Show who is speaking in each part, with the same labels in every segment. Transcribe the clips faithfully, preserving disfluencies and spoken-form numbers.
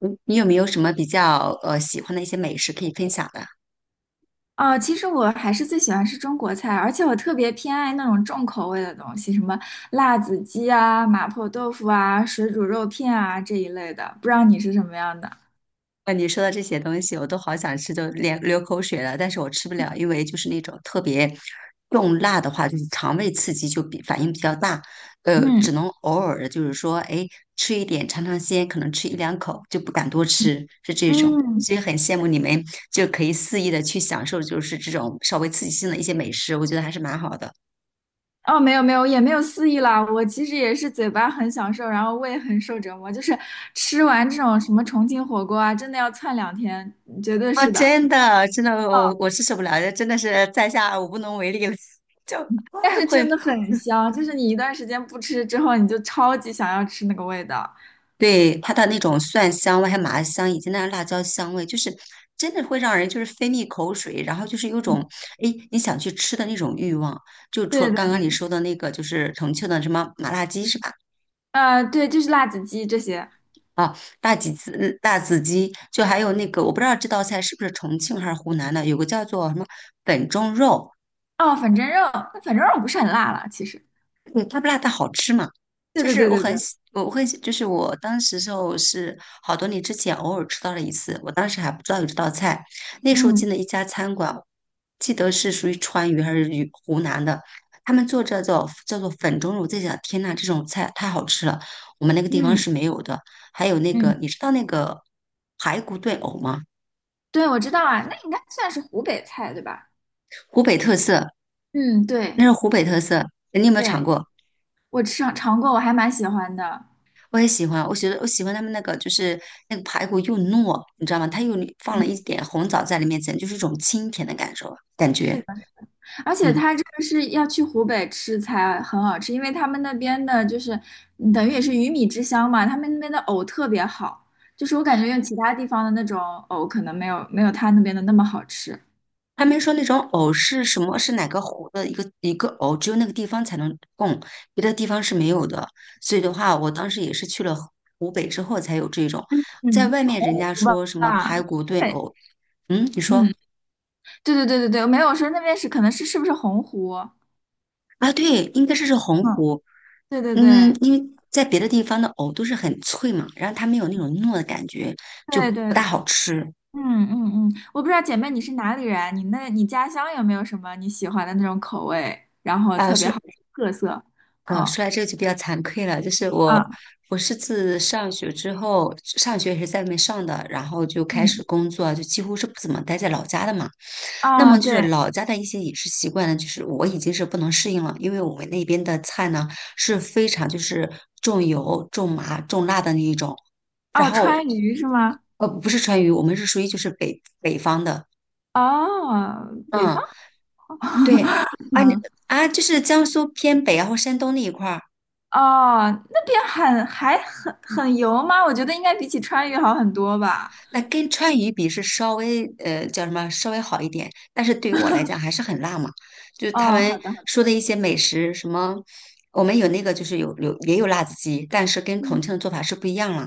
Speaker 1: 嗯你有没有什么比较呃喜欢的一些美食可以分享的？
Speaker 2: 哦，其实我还是最喜欢吃中国菜，而且我特别偏爱那种重口味的东西，什么辣子鸡啊、麻婆豆腐啊、水煮肉片啊这一类的。不知道你是什么样的？
Speaker 1: 啊，你说到这些东西，我都好想吃，就连流口水了，但是我吃不了，因为就是那种特别重辣的话，就是肠胃刺激就比反应比较大，呃，
Speaker 2: 嗯
Speaker 1: 只能偶尔的，就是说，哎，吃一点尝尝鲜，可能吃一两口就不敢多吃，是这种。
Speaker 2: 嗯，
Speaker 1: 所以很羡慕你们就可以肆意的去享受，就是这种稍微刺激性的一些美食，我觉得还是蛮好的。
Speaker 2: 哦，没有没有，也没有肆意啦。我其实也是嘴巴很享受，然后胃很受折磨，就是吃完这种什么重庆火锅啊，真的要窜两天，嗯绝对
Speaker 1: 啊，
Speaker 2: 是的。
Speaker 1: 真的，真的，我
Speaker 2: 哦，
Speaker 1: 我是受不了，真的是在下我无能为力了，就
Speaker 2: 但是
Speaker 1: 会
Speaker 2: 真的很香，就是你一段时间不吃之后，你就超级想要吃那个味道。
Speaker 1: 对它的那种蒜香味，还有麻香，以及那辣椒香味，就是真的会让人就是分泌口水，然后就是有种
Speaker 2: 嗯，
Speaker 1: 哎你想去吃的那种欲望。就除
Speaker 2: 对
Speaker 1: 了
Speaker 2: 的。
Speaker 1: 刚刚你说的那个，就是重庆的什么麻辣鸡是吧？
Speaker 2: 呃，对，就是辣子鸡这些。
Speaker 1: 啊，辣子鸡，嗯辣子鸡，就还有那个我不知道这道菜是不是重庆还是湖南的，有个叫做什么粉蒸肉。
Speaker 2: 哦，粉蒸肉，那粉蒸肉不是很辣了，其实。
Speaker 1: 对，它不辣，但好吃嘛。
Speaker 2: 对
Speaker 1: 就
Speaker 2: 对
Speaker 1: 是
Speaker 2: 对
Speaker 1: 我
Speaker 2: 对
Speaker 1: 很
Speaker 2: 对，
Speaker 1: 喜，我会，就是我当时时候是好多年之前偶尔吃到了一次，我当时还不知道有这道菜。那时候
Speaker 2: 嗯
Speaker 1: 进了一家餐馆，记得是属于川渝还是渝湖南的，他们做这叫叫做粉蒸肉，我在想，天呐，这种菜太好吃了，我们那个地方
Speaker 2: 嗯
Speaker 1: 是没有的。还有那个，
Speaker 2: 嗯，
Speaker 1: 你知道那个排骨炖藕吗？
Speaker 2: 对，我知道啊，那应该算是湖北菜，对吧？
Speaker 1: 湖北特色，
Speaker 2: 嗯，
Speaker 1: 那
Speaker 2: 对
Speaker 1: 是湖北特色，你有没有尝
Speaker 2: 对，
Speaker 1: 过？
Speaker 2: 我吃尝过，我还蛮喜欢的。
Speaker 1: 我也喜欢，我觉得我喜欢他们那个，就是那个排骨又糯，你知道吗？它又放了
Speaker 2: 嗯，
Speaker 1: 一点红枣在里面，简直就是一种清甜的感受，感
Speaker 2: 是的，
Speaker 1: 觉。
Speaker 2: 而且
Speaker 1: 嗯，
Speaker 2: 它这个是要去湖北吃才很好吃，因为他们那边的就是嗯等于也是鱼米之乡嘛，他们那边的藕特别好，就是我感觉用其他地方的那种藕可能没有没有他那边的那么好吃。
Speaker 1: 他们说那种藕是什么？是哪个湖的一个一个藕，只有那个地方才能供，别的地方是没有的。所以的话，我当时也是去了湖湖北之后才有这种，在
Speaker 2: 嗯，
Speaker 1: 外
Speaker 2: 是
Speaker 1: 面
Speaker 2: 洪
Speaker 1: 人家
Speaker 2: 湖吧？
Speaker 1: 说什么排
Speaker 2: 吧
Speaker 1: 骨炖
Speaker 2: 对，
Speaker 1: 藕，嗯，你说
Speaker 2: 嗯，对对对对对，没有说那边是可能是是不是洪湖？
Speaker 1: 啊，对，应该是是洪
Speaker 2: 嗯，
Speaker 1: 湖。
Speaker 2: 对对
Speaker 1: 嗯，
Speaker 2: 对
Speaker 1: 因为在别的地方的藕都是很脆嘛，然后它没有那种糯的感觉，就
Speaker 2: 对
Speaker 1: 不
Speaker 2: 对
Speaker 1: 大
Speaker 2: 对，
Speaker 1: 好吃。
Speaker 2: 嗯嗯嗯，我不知道姐妹你是哪里人，你那你家乡有没有什么你喜欢的那种口味，然后
Speaker 1: 啊、
Speaker 2: 特别好
Speaker 1: 是
Speaker 2: 吃特色？
Speaker 1: 呃，
Speaker 2: 哦，
Speaker 1: 说来这个就比较惭愧了，就是我，
Speaker 2: 啊，
Speaker 1: 我是自上学之后，上学也是在外面上的，然后就开始
Speaker 2: 嗯，
Speaker 1: 工作，就几乎是不怎么待在老家的嘛。那
Speaker 2: 啊，
Speaker 1: 么就是
Speaker 2: 对，
Speaker 1: 老家的一些饮食习惯呢，就是我已经是不能适应了，因为我们那边的菜呢是非常就是重油、重麻、重辣的那一种，然
Speaker 2: 哦，
Speaker 1: 后
Speaker 2: 川渝是吗？
Speaker 1: 呃不是川渝，我们是属于就是北北方的，
Speaker 2: 哦，北方，
Speaker 1: 嗯，对，啊你
Speaker 2: 嗯，
Speaker 1: 啊就是江苏偏北然后山东那一块儿。
Speaker 2: 哦，那边很还很很油吗？我觉得应该比起川渝好很多吧。
Speaker 1: 那跟川渝比是稍微呃叫什么稍微好一点，但是对于我来讲还是很辣嘛。就是他
Speaker 2: 哦，
Speaker 1: 们
Speaker 2: 好的好
Speaker 1: 说
Speaker 2: 的，
Speaker 1: 的一些美食，什么我们有那个就是有有也有辣子鸡，但是跟重
Speaker 2: 嗯
Speaker 1: 庆的做法是不一样了。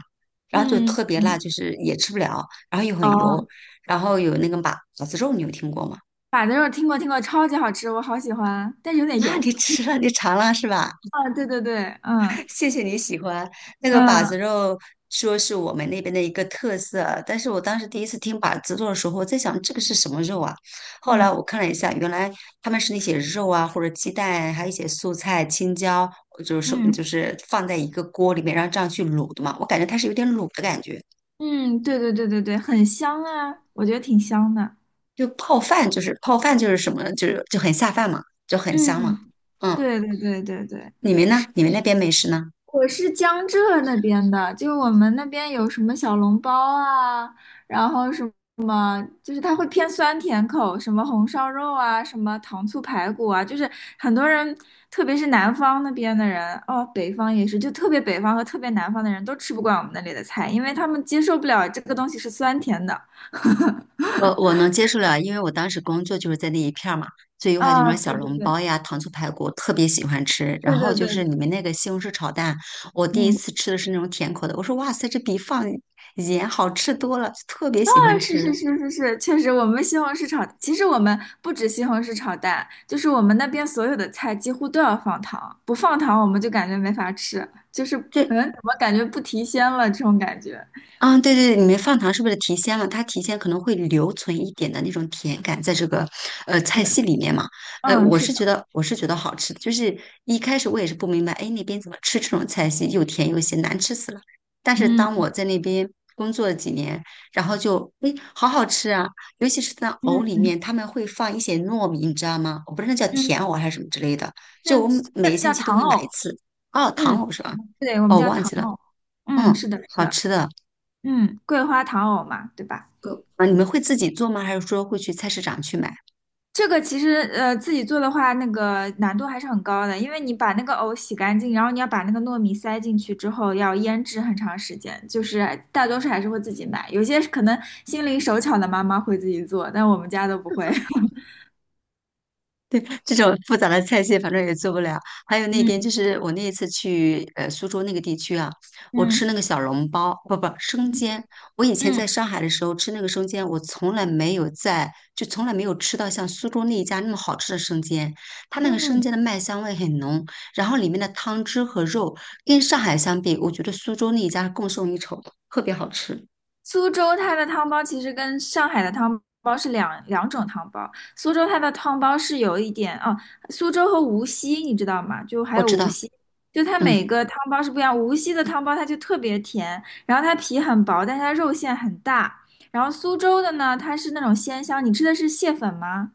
Speaker 1: 然后就
Speaker 2: 嗯
Speaker 1: 特别辣，
Speaker 2: 嗯，
Speaker 1: 就是也吃不了，然后又很油，
Speaker 2: 哦，
Speaker 1: 然后有那个马马子肉，你有听过吗？
Speaker 2: 板子肉听过听过，超级好吃，我好喜欢，但是有 点
Speaker 1: 那
Speaker 2: 油。
Speaker 1: 你吃了，你尝了是吧？
Speaker 2: 啊，对对对，嗯
Speaker 1: 谢谢你喜欢那个把
Speaker 2: 嗯
Speaker 1: 子肉，说是我们那边的一个特色啊。但是我当时第一次听把子肉的时候，我在想这个是什么肉啊？后来
Speaker 2: 嗯
Speaker 1: 我看了一下，原来他们是那些肉啊，或者鸡蛋，还有一些素菜、青椒，就是说就
Speaker 2: 嗯
Speaker 1: 是放在一个锅里面，然后这样去卤的嘛。我感觉它是有点卤的感觉，
Speaker 2: 嗯，对对对对对，很香啊，我觉得挺香的。
Speaker 1: 就泡饭，就是泡饭就是什么呢就是就很下饭嘛，就很香嘛。
Speaker 2: 嗯，
Speaker 1: 嗯，
Speaker 2: 对对对对对，
Speaker 1: 你们
Speaker 2: 是
Speaker 1: 呢？你们那边美食呢？
Speaker 2: 我是江浙那边的，就我们那边有什么小笼包啊，然后什么。就是它会偏酸甜口，什么红烧肉啊，什么糖醋排骨啊，就是很多人，特别是南方那边的人，哦，北方也是，就特别北方和特别南方的人都吃不惯我们那里的菜，因为他们接受不了这个东西是酸甜的。
Speaker 1: 呃，我能接受了，因为我当时工作就是在那一片儿嘛，所以的话就什
Speaker 2: 啊，
Speaker 1: 么小
Speaker 2: 对对
Speaker 1: 笼
Speaker 2: 对，
Speaker 1: 包呀、糖醋排骨，特别喜欢吃。然
Speaker 2: 对
Speaker 1: 后
Speaker 2: 对
Speaker 1: 就
Speaker 2: 对对，
Speaker 1: 是你们那个西红柿炒蛋，我第一
Speaker 2: 嗯，
Speaker 1: 次吃的是那种甜口的，我说哇塞，这比放盐好吃多了，特别
Speaker 2: 啊，
Speaker 1: 喜欢
Speaker 2: 是
Speaker 1: 吃。
Speaker 2: 是是是是，确实。我们西红柿炒，其实我们不止西红柿炒蛋，就是我们那边所有的菜几乎都要放糖，不放糖我们就感觉没法吃，就是
Speaker 1: 就
Speaker 2: 嗯，怎么感觉不提鲜了这种感觉。
Speaker 1: 啊，对对对，里面放糖是不是提鲜了？它提鲜可能会留存一点的那种甜感在这个呃菜系里面嘛。呃，
Speaker 2: 嗯，
Speaker 1: 我
Speaker 2: 是
Speaker 1: 是觉
Speaker 2: 的，
Speaker 1: 得我是觉得好吃的就是一开始我也是不明白，哎，那边怎么吃这种菜系又甜又咸，难吃死了。但是当
Speaker 2: 嗯
Speaker 1: 我在那边工作了几年，然后就哎，好好吃啊！尤其是在
Speaker 2: 嗯
Speaker 1: 藕里
Speaker 2: 嗯，
Speaker 1: 面，他们会放一些糯米，你知道吗？我不知道那叫
Speaker 2: 嗯，
Speaker 1: 甜藕还是什么之类的，
Speaker 2: 那
Speaker 1: 就我每
Speaker 2: 那
Speaker 1: 每个星
Speaker 2: 叫
Speaker 1: 期都
Speaker 2: 糖
Speaker 1: 会买一
Speaker 2: 藕，
Speaker 1: 次。哦，糖
Speaker 2: 嗯，
Speaker 1: 藕是吧？
Speaker 2: 对，我们
Speaker 1: 哦，
Speaker 2: 叫
Speaker 1: 忘
Speaker 2: 糖
Speaker 1: 记了，
Speaker 2: 藕。嗯，
Speaker 1: 嗯，
Speaker 2: 是的，是
Speaker 1: 好
Speaker 2: 的，
Speaker 1: 吃的。
Speaker 2: 嗯，桂花糖藕嘛，对吧？
Speaker 1: 啊，你们会自己做吗？还是说会去菜市场去买？
Speaker 2: 这个其实呃自己做的话，那个难度还是很高的，因为你把那个藕洗干净，然后你要把那个糯米塞进去之后，要腌制很长时间。就是大多数还是会自己买，有些可能心灵手巧的妈妈会自己做，但我们家都不会。
Speaker 1: 这种复杂的菜系，反正也做不了。还有那边
Speaker 2: 嗯
Speaker 1: 就是我那一次去呃苏州那个地区啊，我吃
Speaker 2: 嗯
Speaker 1: 那个小笼包，不不生
Speaker 2: 嗯
Speaker 1: 煎。我以前在上海的时候吃那个生煎，我从来没有在就从来没有吃到像苏州那一家那么好吃的生煎。它那个生
Speaker 2: 嗯，
Speaker 1: 煎的麦香味很浓，然后里面的汤汁和肉跟上海相比，我觉得苏州那一家是更胜一筹的特别好吃。
Speaker 2: 苏州它的汤包其实跟上海的汤包是两两种汤包。苏州它的汤包是有一点哦，苏州和无锡你知道吗？就还
Speaker 1: 我
Speaker 2: 有
Speaker 1: 知
Speaker 2: 无
Speaker 1: 道，
Speaker 2: 锡，就它
Speaker 1: 嗯。
Speaker 2: 每个汤包是不一样。无锡的汤包它就特别甜，然后它皮很薄，但它肉馅很大。然后苏州的呢，它是那种鲜香。你吃的是蟹粉吗？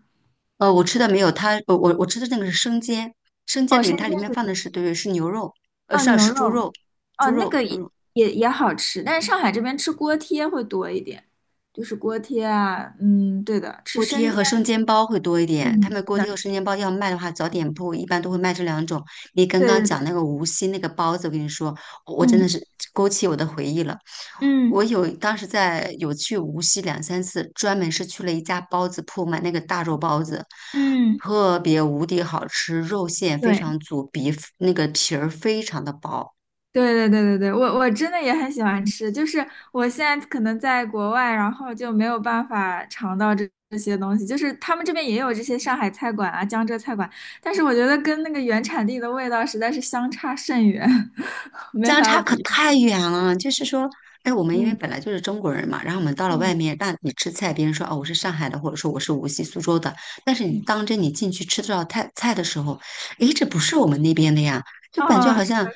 Speaker 1: 呃，我吃的没有它，我我我吃的那个是生煎，生煎
Speaker 2: 哦，
Speaker 1: 里面
Speaker 2: 生煎
Speaker 1: 它里面放
Speaker 2: 子，
Speaker 1: 的是对是牛肉，呃
Speaker 2: 哦，
Speaker 1: 是
Speaker 2: 牛
Speaker 1: 是猪
Speaker 2: 肉，
Speaker 1: 肉，猪
Speaker 2: 哦，那
Speaker 1: 肉
Speaker 2: 个也
Speaker 1: 嗯
Speaker 2: 也也好吃，但是上海这边吃锅贴会多一点，就是锅贴啊，嗯，对的，吃
Speaker 1: 锅贴
Speaker 2: 生煎。
Speaker 1: 和生煎包会多一点。他
Speaker 2: 嗯，
Speaker 1: 们锅
Speaker 2: 那，
Speaker 1: 贴和生煎包要卖的话，早点铺一般都会卖这两种。你刚
Speaker 2: 对
Speaker 1: 刚
Speaker 2: 对
Speaker 1: 讲
Speaker 2: 对，
Speaker 1: 那个无锡那个包子，我跟你说，我真的
Speaker 2: 嗯
Speaker 1: 是勾起我的回忆了。
Speaker 2: 嗯
Speaker 1: 我有当时在有去无锡两三次，专门是去了一家包子铺买那个大肉包子，
Speaker 2: 嗯，
Speaker 1: 特别无敌好吃，肉馅非
Speaker 2: 对
Speaker 1: 常足，皮那个皮儿非常的薄。
Speaker 2: 对对对对对，我我真的也很喜欢吃，就是我现在可能在国外，然后就没有办法尝到这这些东西，就是他们这边也有这些上海菜馆啊、江浙菜馆，但是我觉得跟那个原产地的味道实在是相差甚远，没
Speaker 1: 相
Speaker 2: 法
Speaker 1: 差可
Speaker 2: 比。
Speaker 1: 太远了。就是说，哎，我们因为
Speaker 2: 嗯
Speaker 1: 本来就是中国人嘛，然后我们到了外
Speaker 2: 嗯
Speaker 1: 面，那你吃菜，别人说哦我是上海的，或者说我是无锡、苏州的，但是你
Speaker 2: 嗯，
Speaker 1: 当真你进去吃到菜菜的时候，哎，这不是我们那边的呀，就感觉
Speaker 2: 哦，
Speaker 1: 好像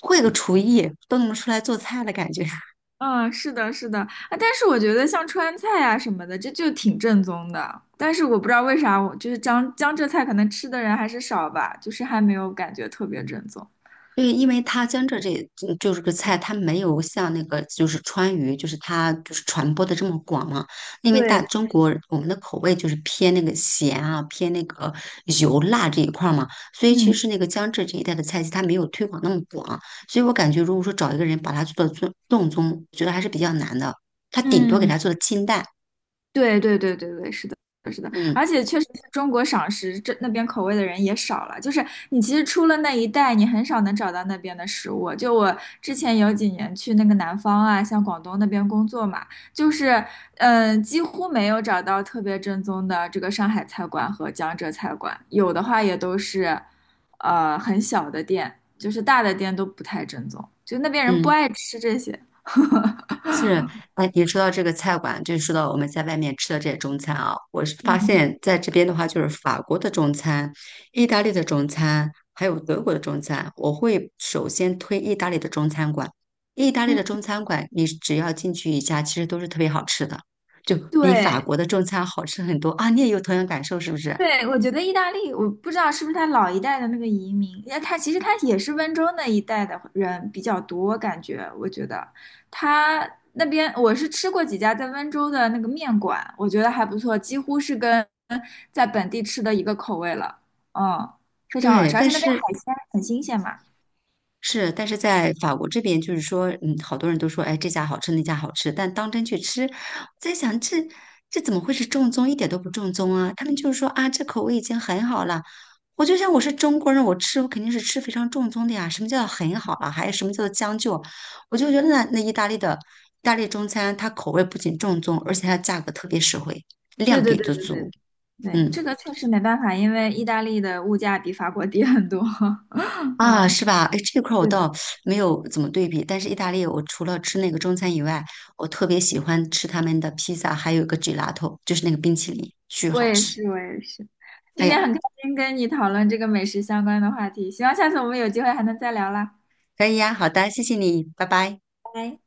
Speaker 1: 会个厨艺都能出来做菜的感觉。
Speaker 2: 嗯，是的，是的，啊，但是我觉得像川菜啊什么的，这就挺正宗的。但是我不知道为啥我，就是江江浙菜可能吃的人还是少吧，就是还没有感觉特别正宗。
Speaker 1: 对，因为它江浙这嗯就是个菜，它没有像那个就是川渝，就是它就是传播的这么广嘛。因为大
Speaker 2: 对的，
Speaker 1: 中国我们的口味就是偏那个咸啊，偏那个油辣这一块儿嘛，所以其
Speaker 2: 嗯
Speaker 1: 实那个江浙这一带的菜系它没有推广那么广，所以我感觉如果说找一个人把它做到正正宗，我觉得还是比较难的。他顶多给
Speaker 2: 嗯。
Speaker 1: 它做的清淡，
Speaker 2: 对对对对对，是的，是的，
Speaker 1: 嗯
Speaker 2: 而且确实是中国赏识这那边口味的人也少了。就是你其实出了那一带，你很少能找到那边的食物。就我之前有几年去那个南方啊，像广东那边工作嘛，就是嗯，呃几乎没有找到特别正宗的这个上海菜馆和江浙菜馆，有的话也都是呃很小的店，就是大的店都不太正宗，就那边人不
Speaker 1: 嗯。
Speaker 2: 爱吃这些。
Speaker 1: 是，哎，你说到这个菜馆，就说到我们在外面吃的这些中餐啊，我是发
Speaker 2: 嗯
Speaker 1: 现在这边的话，就是法国的中餐、意大利的中餐，还有德国的中餐，我会首先推意大利的中餐馆。意大利
Speaker 2: 嗯，
Speaker 1: 的中餐馆，你只要进去一家，其实都是特别好吃的，就比法
Speaker 2: 对，
Speaker 1: 国的中餐好吃很多啊！你也有同样感受是不是？
Speaker 2: 对，我觉得意大利，我不知道是不是他老一代的那个移民，那他其实他也是温州那一带的人比较多，感觉我觉得他那边我是吃过几家在温州的那个面馆，我觉得还不错，几乎是跟在本地吃的一个口味了，嗯，非常好
Speaker 1: 对，
Speaker 2: 吃，而
Speaker 1: 但
Speaker 2: 且那边海
Speaker 1: 是
Speaker 2: 鲜很新鲜嘛。
Speaker 1: 是，但是在法国这边，就是说，嗯，好多人都说，哎，这家好吃，那家好吃，但当真去吃，我在想，这这怎么会是正宗？一点都不正宗啊！他们就是说啊，这口味已经很好了。我就想，我是中国人，我吃我肯定是吃非常正宗的呀。什么叫很好了？还有什么叫做将就？我就觉得那那意大利的意大利中餐，它口味不仅正宗，而且它价格特别实惠，
Speaker 2: 对
Speaker 1: 量
Speaker 2: 对
Speaker 1: 给
Speaker 2: 对
Speaker 1: 的
Speaker 2: 对
Speaker 1: 足。
Speaker 2: 对对，
Speaker 1: 嗯。
Speaker 2: 这个确实没办法，因为意大利的物价比法国低很多，
Speaker 1: 啊，
Speaker 2: 嗯，
Speaker 1: 是吧？哎，这块儿我
Speaker 2: 对的。
Speaker 1: 倒没有怎么对比，但是意大利我除了吃那个中餐以外，我特别喜欢吃他们的披萨，还有一个 gelato，就是那个冰淇淋，巨
Speaker 2: 我
Speaker 1: 好
Speaker 2: 也
Speaker 1: 吃。
Speaker 2: 是，我也是。
Speaker 1: 哎
Speaker 2: 今天
Speaker 1: 呀，
Speaker 2: 很开心跟你讨论这个美食相关的话题，希望下次我们有机会还能再聊啦。
Speaker 1: 可以呀，好的，谢谢你，拜拜。
Speaker 2: 拜拜。